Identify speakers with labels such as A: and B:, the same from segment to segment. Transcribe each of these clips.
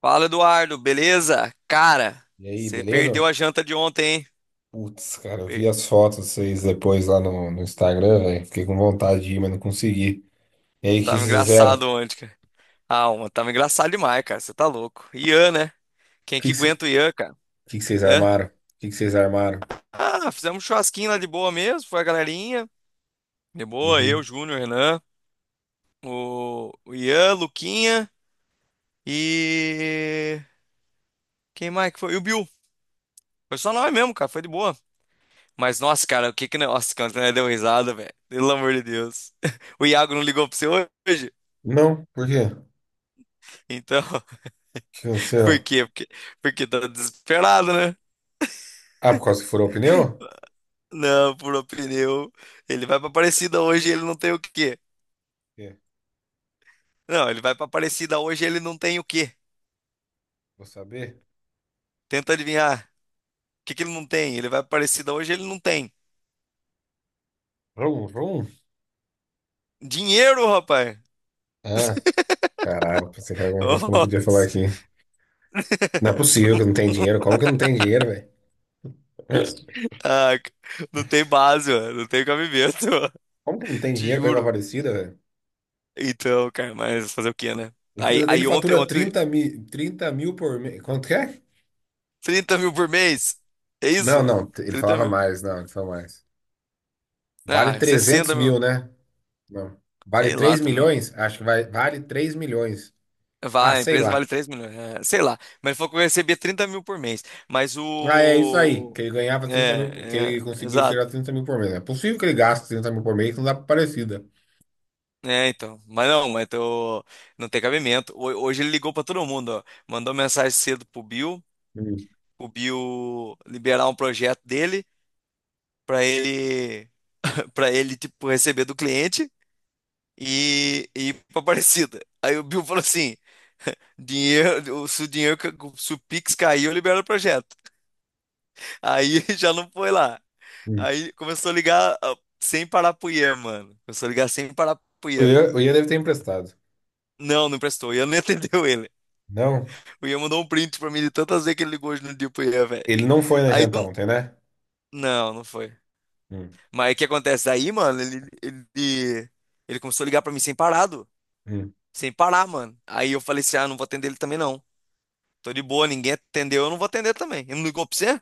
A: Fala, Eduardo, beleza? Cara,
B: E aí,
A: você
B: beleza?
A: perdeu a janta de ontem, hein?
B: Putz, cara, eu vi
A: Per-
B: as fotos de vocês depois lá no Instagram, velho. Fiquei com vontade de ir, mas não consegui. E aí, o que
A: Tava
B: vocês fizeram?
A: engraçado ontem, cara. Ah, tava engraçado demais, cara. Você tá louco. Ian, né? Quem
B: Que,
A: que
B: que, cê-
A: aguenta o Ian, cara?
B: o que que vocês
A: Hã?
B: armaram? O que, que vocês armaram?
A: Ah, fizemos um churrasquinho lá de boa mesmo, foi a galerinha. De boa, eu,
B: Uhum.
A: Júnior, Renan, o Ian, Luquinha e. Quem mais que foi? E o Bill. Foi só nós mesmo, cara, foi de boa. Mas, nossa, cara, o que que. Nossa, cara, deu risada, velho. Pelo amor de Deus. O Iago não ligou pra você hoje?
B: Não, por quê? O
A: Então.
B: que
A: Por
B: aconteceu?
A: quê? Porque tá desesperado, né?
B: Ah, por causa que furou o pneu? Por
A: Não, furou pneu. Ele vai pra Aparecida hoje e ele não tem o quê?
B: quê?
A: Não, ele vai pra Aparecida hoje e ele não tem o quê?
B: Vou saber.
A: Tenta adivinhar. O que que ele não tem? Ele vai pra Aparecida hoje e ele não tem.
B: Vrum, vrum.
A: Dinheiro, rapaz!
B: Ah, caralho, pensei que era alguma coisa que eu não podia falar
A: Nossa!
B: aqui. Não é possível que não tem dinheiro. Como que não tem dinheiro, velho?
A: Ah, não tem base, ó. Não tem cabimento, ó.
B: Como que não tem
A: Te
B: dinheiro pra ir pra
A: juro.
B: Aparecida, velho?
A: Então, cara, mas fazer o quê, né?
B: A
A: Aí,
B: empresa dele
A: aí ontem,
B: fatura
A: ontem,
B: 30 mil, 30 mil por mês. Quanto que é?
A: 30 mil por mês. É
B: Não,
A: isso?
B: não, ele
A: trinta
B: falava
A: mil.
B: mais, não, ele falou mais. Vale
A: Ah,
B: 300
A: 60 mil.
B: mil, né? Não. Vale
A: Sei lá
B: 3
A: também.
B: milhões? Acho que vale 3 milhões. Ah,
A: Vai, a
B: sei
A: empresa
B: lá.
A: vale 3 milhões. É, sei lá. Mas ele falou que eu recebia 30 mil por mês. Mas
B: Ah, é isso aí,
A: o.
B: que ele ganhava 30 mil, que
A: É, é,
B: ele conseguia
A: exato.
B: tirar 30 mil por mês. É possível que ele gaste 30 mil por mês, que não dá pra parecida.
A: É, então. Mas não, não tem cabimento. Hoje ele ligou pra todo mundo, ó. Mandou mensagem cedo pro Bill,
B: Hum,
A: o Bill liberar um projeto dele pra ele, para ele tipo receber do cliente e ir pra Aparecida. Aí o Bill falou assim: dinheiro, se o dinheiro, se o Pix caiu, eu libero o projeto. Aí já não foi lá.
B: hum.
A: Aí começou a ligar sem parar pro Ian, mano. Começou a ligar sem parar pro
B: O
A: Ian.
B: Ian, o Ian deve ter emprestado.
A: Não, não prestou. O Ian nem atendeu ele.
B: Não,
A: O Ian mandou um print pra mim de tantas vezes que ele ligou hoje no dia pro Ian, velho.
B: ele não foi na
A: Aí
B: janta
A: do...
B: ontem, né?
A: Não, não foi.
B: Hum,
A: Mas o que acontece? Aí, mano, ele começou a ligar pra mim sem parado.
B: hum.
A: Sem parar, mano. Aí eu falei assim: ah, não vou atender ele também, não. Tô de boa, ninguém atendeu, eu não vou atender também. Ele não ligou pra você?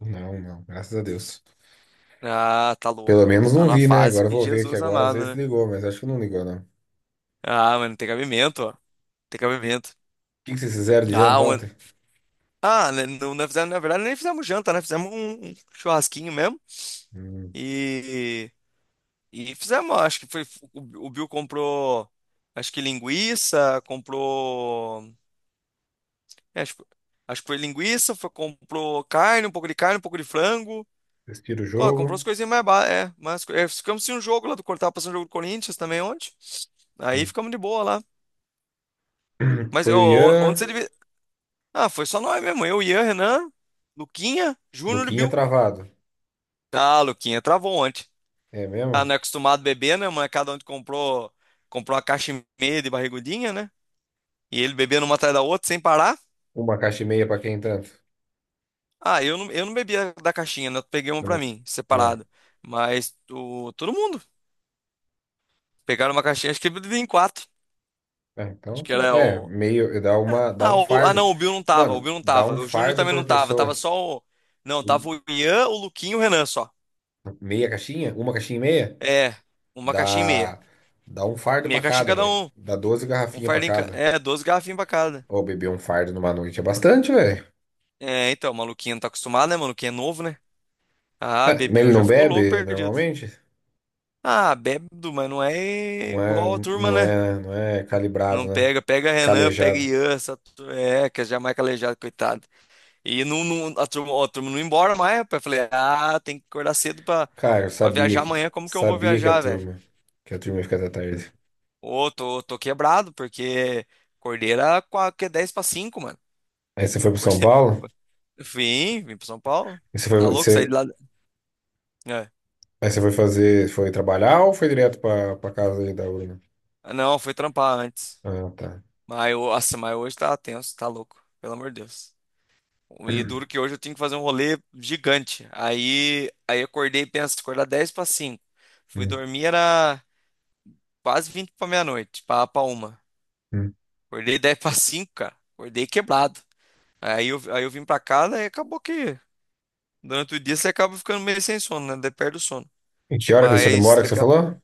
B: Não, não, graças a Deus.
A: Ah, tá
B: Pelo
A: louco. ó.
B: menos
A: Tá
B: não
A: numa
B: vi, né?
A: fase
B: Agora eu
A: que
B: vou ver aqui
A: Jesus
B: agora, às
A: amado,
B: vezes
A: né?
B: ligou, mas acho que não ligou, não. O
A: Ah, mano, tem cabimento, ó. Tem cabimento.
B: que que vocês fizeram de
A: Ah,
B: janta
A: on-
B: ontem?
A: Ah, né, não, não fizemos, na verdade, nem fizemos janta, né? Fizemos um churrasquinho mesmo.
B: Hum.
A: E, e fizemos, acho que foi. O Bill comprou, acho que linguiça, comprou. É, acho, acho que foi linguiça, comprou carne, um pouco de carne, um pouco de frango.
B: Respira o
A: Ó, comprou
B: jogo.
A: as coisinhas mais é, mas é, ficamos sem um jogo lá do Cortar, passando um jogo do Corinthians também ontem. Aí
B: Hum.
A: ficamos de boa lá. Mas
B: Foi
A: eu,
B: o
A: ontem
B: Ian,
A: você devia. Ah, foi só nós mesmo. Eu, Ian, Renan, Luquinha, Júnior e
B: Luquinha
A: Bill.
B: travado.
A: Ah, Luquinha travou ontem.
B: É
A: Ah, não
B: mesmo?
A: é acostumado a beber, né? Mas cada um comprou uma caixa e meia de barrigudinha, né? E ele bebendo uma atrás da outra sem parar.
B: Uma caixa e meia pra quem tanto?
A: Ah, eu não bebia da caixinha, né? Eu peguei uma
B: Eu
A: pra
B: não-
A: mim,
B: Ah,
A: separada. Mas todo mundo pegaram uma caixinha, acho que ele bebia em quatro.
B: é,
A: Acho
B: então
A: que
B: tá bom.
A: era
B: É,
A: o.
B: meio, dá
A: Ah,
B: um
A: ah,
B: fardo.
A: não, o Bill não tava, o
B: Mano,
A: Bill não
B: dá
A: tava.
B: um
A: O Júnior
B: fardo
A: também
B: por
A: não tava,
B: pessoa.
A: tava só o. Não, tava o Ian, o Luquinho e o Renan só.
B: Meia caixinha? Uma caixinha e meia?
A: É, uma caixinha e
B: Dá,
A: meia.
B: dá um fardo
A: Meia
B: pra
A: caixinha
B: cada,
A: cada
B: velho.
A: um.
B: Dá 12
A: Um
B: garrafinhas pra
A: fardinho.
B: cada.
A: É, 12 garrafinhas pra cada.
B: Ô, beber um fardo numa noite é bastante, velho.
A: É, então, o maluquinho não tá acostumado, né? Maluquinho é novo, né? Ah,
B: É, mas
A: bebeu,
B: ele
A: já
B: não
A: ficou louco
B: bebe
A: perdido.
B: normalmente?
A: Ah, bêbado, mas não é
B: Não é,
A: igual a turma,
B: não
A: né?
B: é, não é calibrado,
A: Não
B: né?
A: pega, pega Renan, pega
B: Calejado.
A: Ian, essa é, que já é jamais calejado, coitado. E não, a turma, ó, a turma não ia embora mais, rapaz. Eu falei, ah, tem que acordar cedo pra,
B: Cara, eu
A: pra
B: sabia
A: viajar
B: que
A: amanhã, como que eu vou
B: sabia que a
A: viajar, velho?
B: turma que a turma ia ficar até tarde.
A: Ô, tô quebrado, porque acordei era que é 10 pra 5, mano.
B: Aí você foi pro São
A: Acordei-
B: Paulo?
A: vim pra São Paulo.
B: Aí você foi,
A: Tá louco, saí de
B: você,
A: lá. É.
B: aí você foi fazer, foi trabalhar ou foi direto para casa aí da urna?
A: Ah, não, fui trampar antes.
B: Ah, tá.
A: Mas, nossa, mas hoje tá tenso, tá louco, pelo amor de Deus. E duro que hoje eu tinha que fazer um rolê gigante. Aí eu acordei, penso, acordar 10 para cinco. Fui
B: Hum,
A: dormir, era quase 20 para meia-noite, para uma.
B: hum.
A: Acordei 10 para cinco, cara. Acordei quebrado. Aí eu vim para casa e acabou que durante o dia você acaba ficando meio sem sono, né? Daí perde o sono.
B: E que hora que eles foram
A: Mas
B: embora que você
A: daqui a...
B: falou?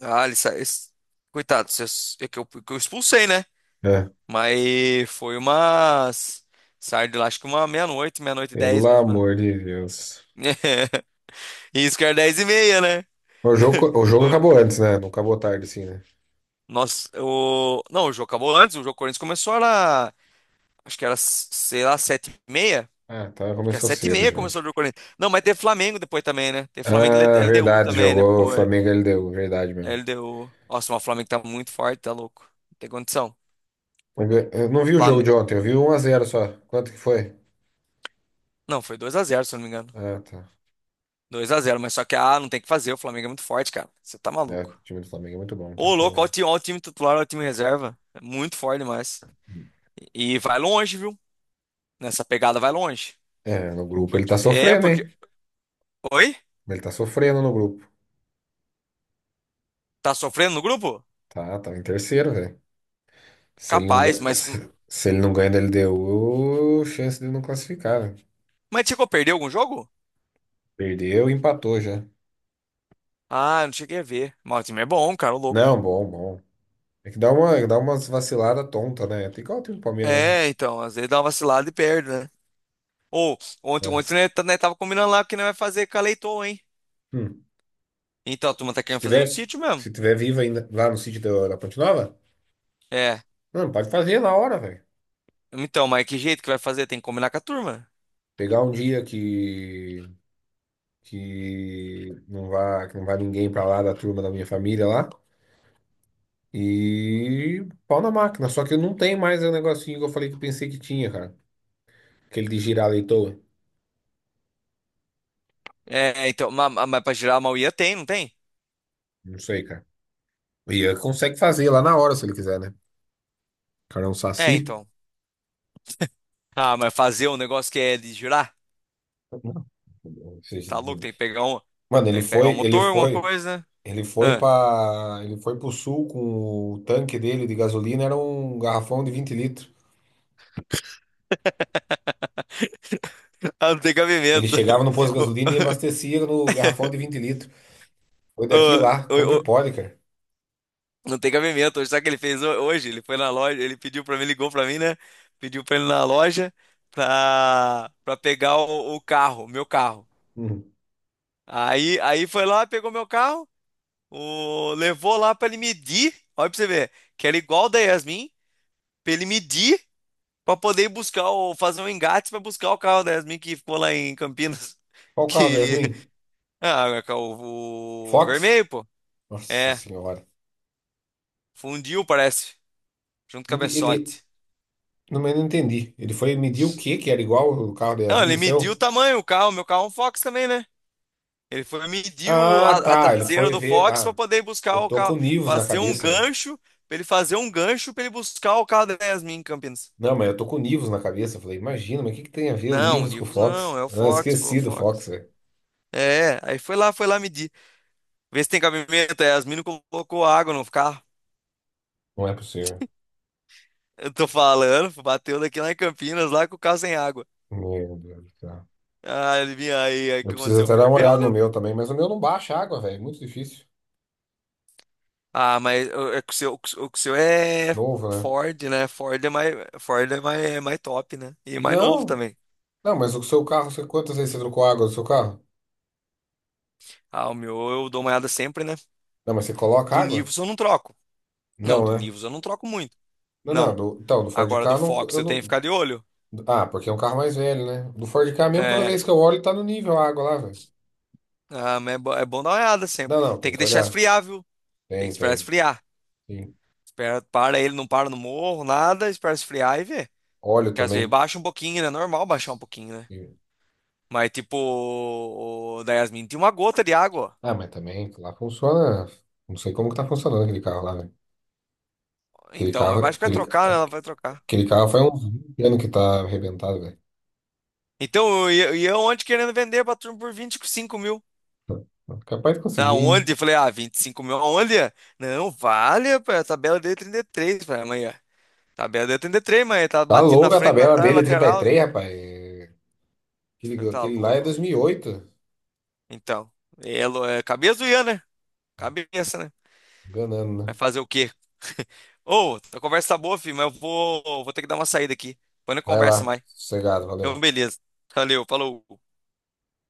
A: Ah, ele sa... coitado, é que eu expulsei, né?
B: É.
A: Mas foi umas... Saí de lá, acho que uma meia-noite, meia-noite e
B: Pelo
A: 10, mais ou menos.
B: amor de Deus.
A: Isso que era 10 e meia, né?
B: O jogo
A: Por-
B: acabou antes, né? Não acabou tarde, assim, né?
A: Nossa, o... Não, o jogo acabou antes, o jogo Corinthians começou era... Acho que era, sei lá, sete e meia.
B: Ah, tá.
A: Acho que é
B: Começou
A: sete e
B: cedo o
A: meia
B: jogo.
A: começou o jogo Corinthians. Não, mas teve Flamengo depois também, né? Teve Flamengo e
B: Ah,
A: LDU
B: verdade.
A: também
B: Jogou
A: depois.
B: Flamengo e LDU. Verdade mesmo.
A: LDU. Nossa, mas o Flamengo tá muito forte, tá louco. Não tem condição.
B: Eu não vi o jogo
A: Flam-
B: de ontem. Eu vi 1-0 só. Quanto que foi?
A: Não, foi 2 a 0 se eu não me engano.
B: Ah, tá.
A: 2 a 0, mas só que, ah, não tem o que fazer, o Flamengo é muito forte, cara. Você tá
B: É,
A: maluco.
B: o time do Flamengo é muito bom, não tem o
A: Ô,
B: que
A: louco,
B: fazer.
A: olha o time titular, olha o time reserva. É muito forte demais. E vai longe, viu? Nessa pegada vai longe.
B: É, no grupo ele
A: Porque...
B: tá
A: É,
B: sofrendo,
A: porque...
B: hein?
A: Oi?
B: Ele tá sofrendo no grupo.
A: Tá sofrendo no grupo?
B: Tá, tá em terceiro, velho. Se ele não,
A: Capaz,
B: ga-
A: mas.
B: se, se ele não ganha da LDU, chance de não classificar, velho.
A: Mas chegou a perder algum jogo?
B: Perdeu e empatou já.
A: Ah, não cheguei a ver. Mas o time é bom, cara, ô louco.
B: Não, bom, bom. É que dá umas vaciladas tonta, né? Tem igual o time do Palmeiras mesmo.
A: É, então, às vezes dá uma vacilada e perde, né? Ou, ontem,
B: É.
A: ontem, né, né, tava combinando lá que não vai fazer com a Leitoa, hein?
B: Hum.
A: Então, a turma tá
B: Se
A: querendo fazer no
B: tiver,
A: sítio mesmo.
B: se tiver vivo ainda lá no sítio da Ponte Nova,
A: É.
B: não, pode fazer na hora, velho.
A: Então, mas que jeito que vai fazer? Tem que combinar com a turma.
B: Pegar um dia que não vá ninguém pra lá da turma da minha família lá. E pau na máquina. Só que eu não tenho mais o negocinho que eu falei que eu pensei que tinha, cara. Aquele de girar a leitoa.
A: É, é, então, mas, pra girar a Mauia tem, não tem?
B: Não sei, cara. E ele consegue fazer lá na hora, se ele quiser, né? O cara é um
A: É,
B: saci.
A: então. Ah, mas fazer um negócio que é de girar?
B: Ou seja,
A: Tá louco, tem que pegar um.
B: mano,
A: Tem que pegar um motor, alguma coisa.
B: ele foi pro sul com o tanque dele de gasolina, era um garrafão de 20 litros.
A: Ah, não tem
B: Ele
A: cabimento.
B: chegava no posto de
A: O-
B: gasolina e abastecia no garrafão de 20 litros. Foi daqui
A: o-
B: lá. Como
A: o-
B: que
A: o-
B: pode, cara?
A: Não tem cabimento. Hoje, sabe o que ele fez hoje? Ele foi na loja, ele pediu pra mim, ligou pra mim, né? Pediu pra ele ir na loja pra pegar o carro, meu carro. Aí foi lá, pegou meu carro, levou lá pra ele medir. Olha pra você ver, que era igual o da Yasmin, pra ele medir pra poder ir buscar, fazer um engate pra buscar o carro da Yasmin que ficou lá em Campinas.
B: Qual carro, é,
A: Que
B: Yasmin?
A: Ah, é o
B: Fox?
A: vermelho, pô.
B: Nossa
A: É,
B: senhora.
A: fundiu, parece, junto com a
B: Mas Ele, ele,
A: cabeçote.
B: não, mas eu não entendi. Ele foi medir o que que era igual o carro da
A: Não,
B: Yasmin,
A: ele
B: no
A: mediu o
B: seu?
A: tamanho, o carro, meu carro é um Fox também, né? Ele foi medir
B: Ah,
A: a
B: tá. Ele
A: traseira
B: foi
A: do
B: ver.
A: Fox
B: Ah,
A: para poder buscar
B: eu
A: o
B: tô com
A: carro,
B: o Nivus na
A: fazer um
B: cabeça, velho.
A: gancho, pra ele fazer um gancho pra ele buscar o carro da Yasmin em Campinas.
B: Não, mas eu tô com o Nivus na cabeça. Eu falei, imagina, mas o que que tem a ver o
A: Não, o
B: Nivus com o
A: Nivus não,
B: Fox?
A: é o
B: Ah,
A: Fox, pô, é o
B: esqueci do
A: Fox.
B: Fox, velho.
A: É, aí foi lá, medir. Vê se tem cabimento, a Yasmin não colocou água no carro.
B: Não é possível.
A: Eu tô falando, bateu daqui lá em Campinas, lá com o carro sem água.
B: Meu Deus do céu.
A: Ah, adivinha aí o
B: Eu
A: que
B: preciso
A: aconteceu?
B: até dar uma
A: Ferveu,
B: olhada no
A: né?
B: meu também, mas o meu não baixa água, velho. É muito difícil.
A: Ah, mas o, é que o seu, o que o seu é
B: Novo, né?
A: Ford, né? Ford é mais, é mais top, né? E mais novo
B: Não,
A: também.
B: não, mas o seu carro, você, quantas vezes você trocou água do seu carro?
A: Ah, o meu eu dou uma olhada sempre, né?
B: Não, mas você coloca
A: Do
B: água?
A: Nivus eu não troco. Não, do
B: Não, né?
A: Nivus eu não troco muito.
B: Não, não,
A: Não.
B: então, do Ford
A: Agora
B: Ka
A: do
B: eu não,
A: Fox
B: eu
A: eu tenho que ficar
B: não.
A: de olho.
B: Ah, porque é um carro mais velho, né? Do Ford Ka mesmo, toda
A: É.
B: vez que eu olho, tá no nível a água lá, velho.
A: Ah, mas é, é bom dar uma olhada
B: Não,
A: sempre.
B: não,
A: Tem
B: tem
A: que
B: que
A: deixar
B: olhar.
A: esfriar, viu? Tem
B: Tem,
A: que esperar
B: tem.
A: esfriar.
B: Sim.
A: Espera, para ele, não para no morro, nada, espera esfriar e vê.
B: Óleo
A: Que às vezes
B: também.
A: baixa um pouquinho, né? Normal baixar um pouquinho, né?
B: E-
A: Mas, tipo, o da Yasmin tinha uma gota de água.
B: Ah, mas também lá funciona. Não sei como que tá funcionando aquele carro lá, velho. Aquele
A: Então,
B: carro,
A: mas acho que vai
B: aquele,
A: trocar, né? Ela vai trocar.
B: aquele carro faz uns 20 anos que tá arrebentado, velho.
A: Então, e eu querendo vender pra turma por 25 mil.
B: Capaz de conseguir ainda.
A: Aonde? Eu falei, ah, 25 mil aonde? Não, vale, rapaz, a tabela deu 33, falei, amanhã. Tabela deu 33, mas tá
B: Tá
A: batido na
B: louca a
A: frente, na
B: tabela
A: trás,
B: dele, é trinta e
A: lateral.
B: três,
A: Eu
B: rapaz.
A: falei,
B: Aquele,
A: tá
B: aquele lá é
A: louco?
B: 2008.
A: Então, é, é cabeça do Ian, né? Cabeça, né?
B: Enganando,
A: Vai
B: né?
A: fazer o quê? Ô, a conversa tá boa, filho, mas eu vou ter que dar uma saída aqui. Depois a gente
B: Vai
A: conversa
B: lá,
A: mais.
B: sossegado,
A: Então,
B: valeu.
A: beleza. Valeu, falou.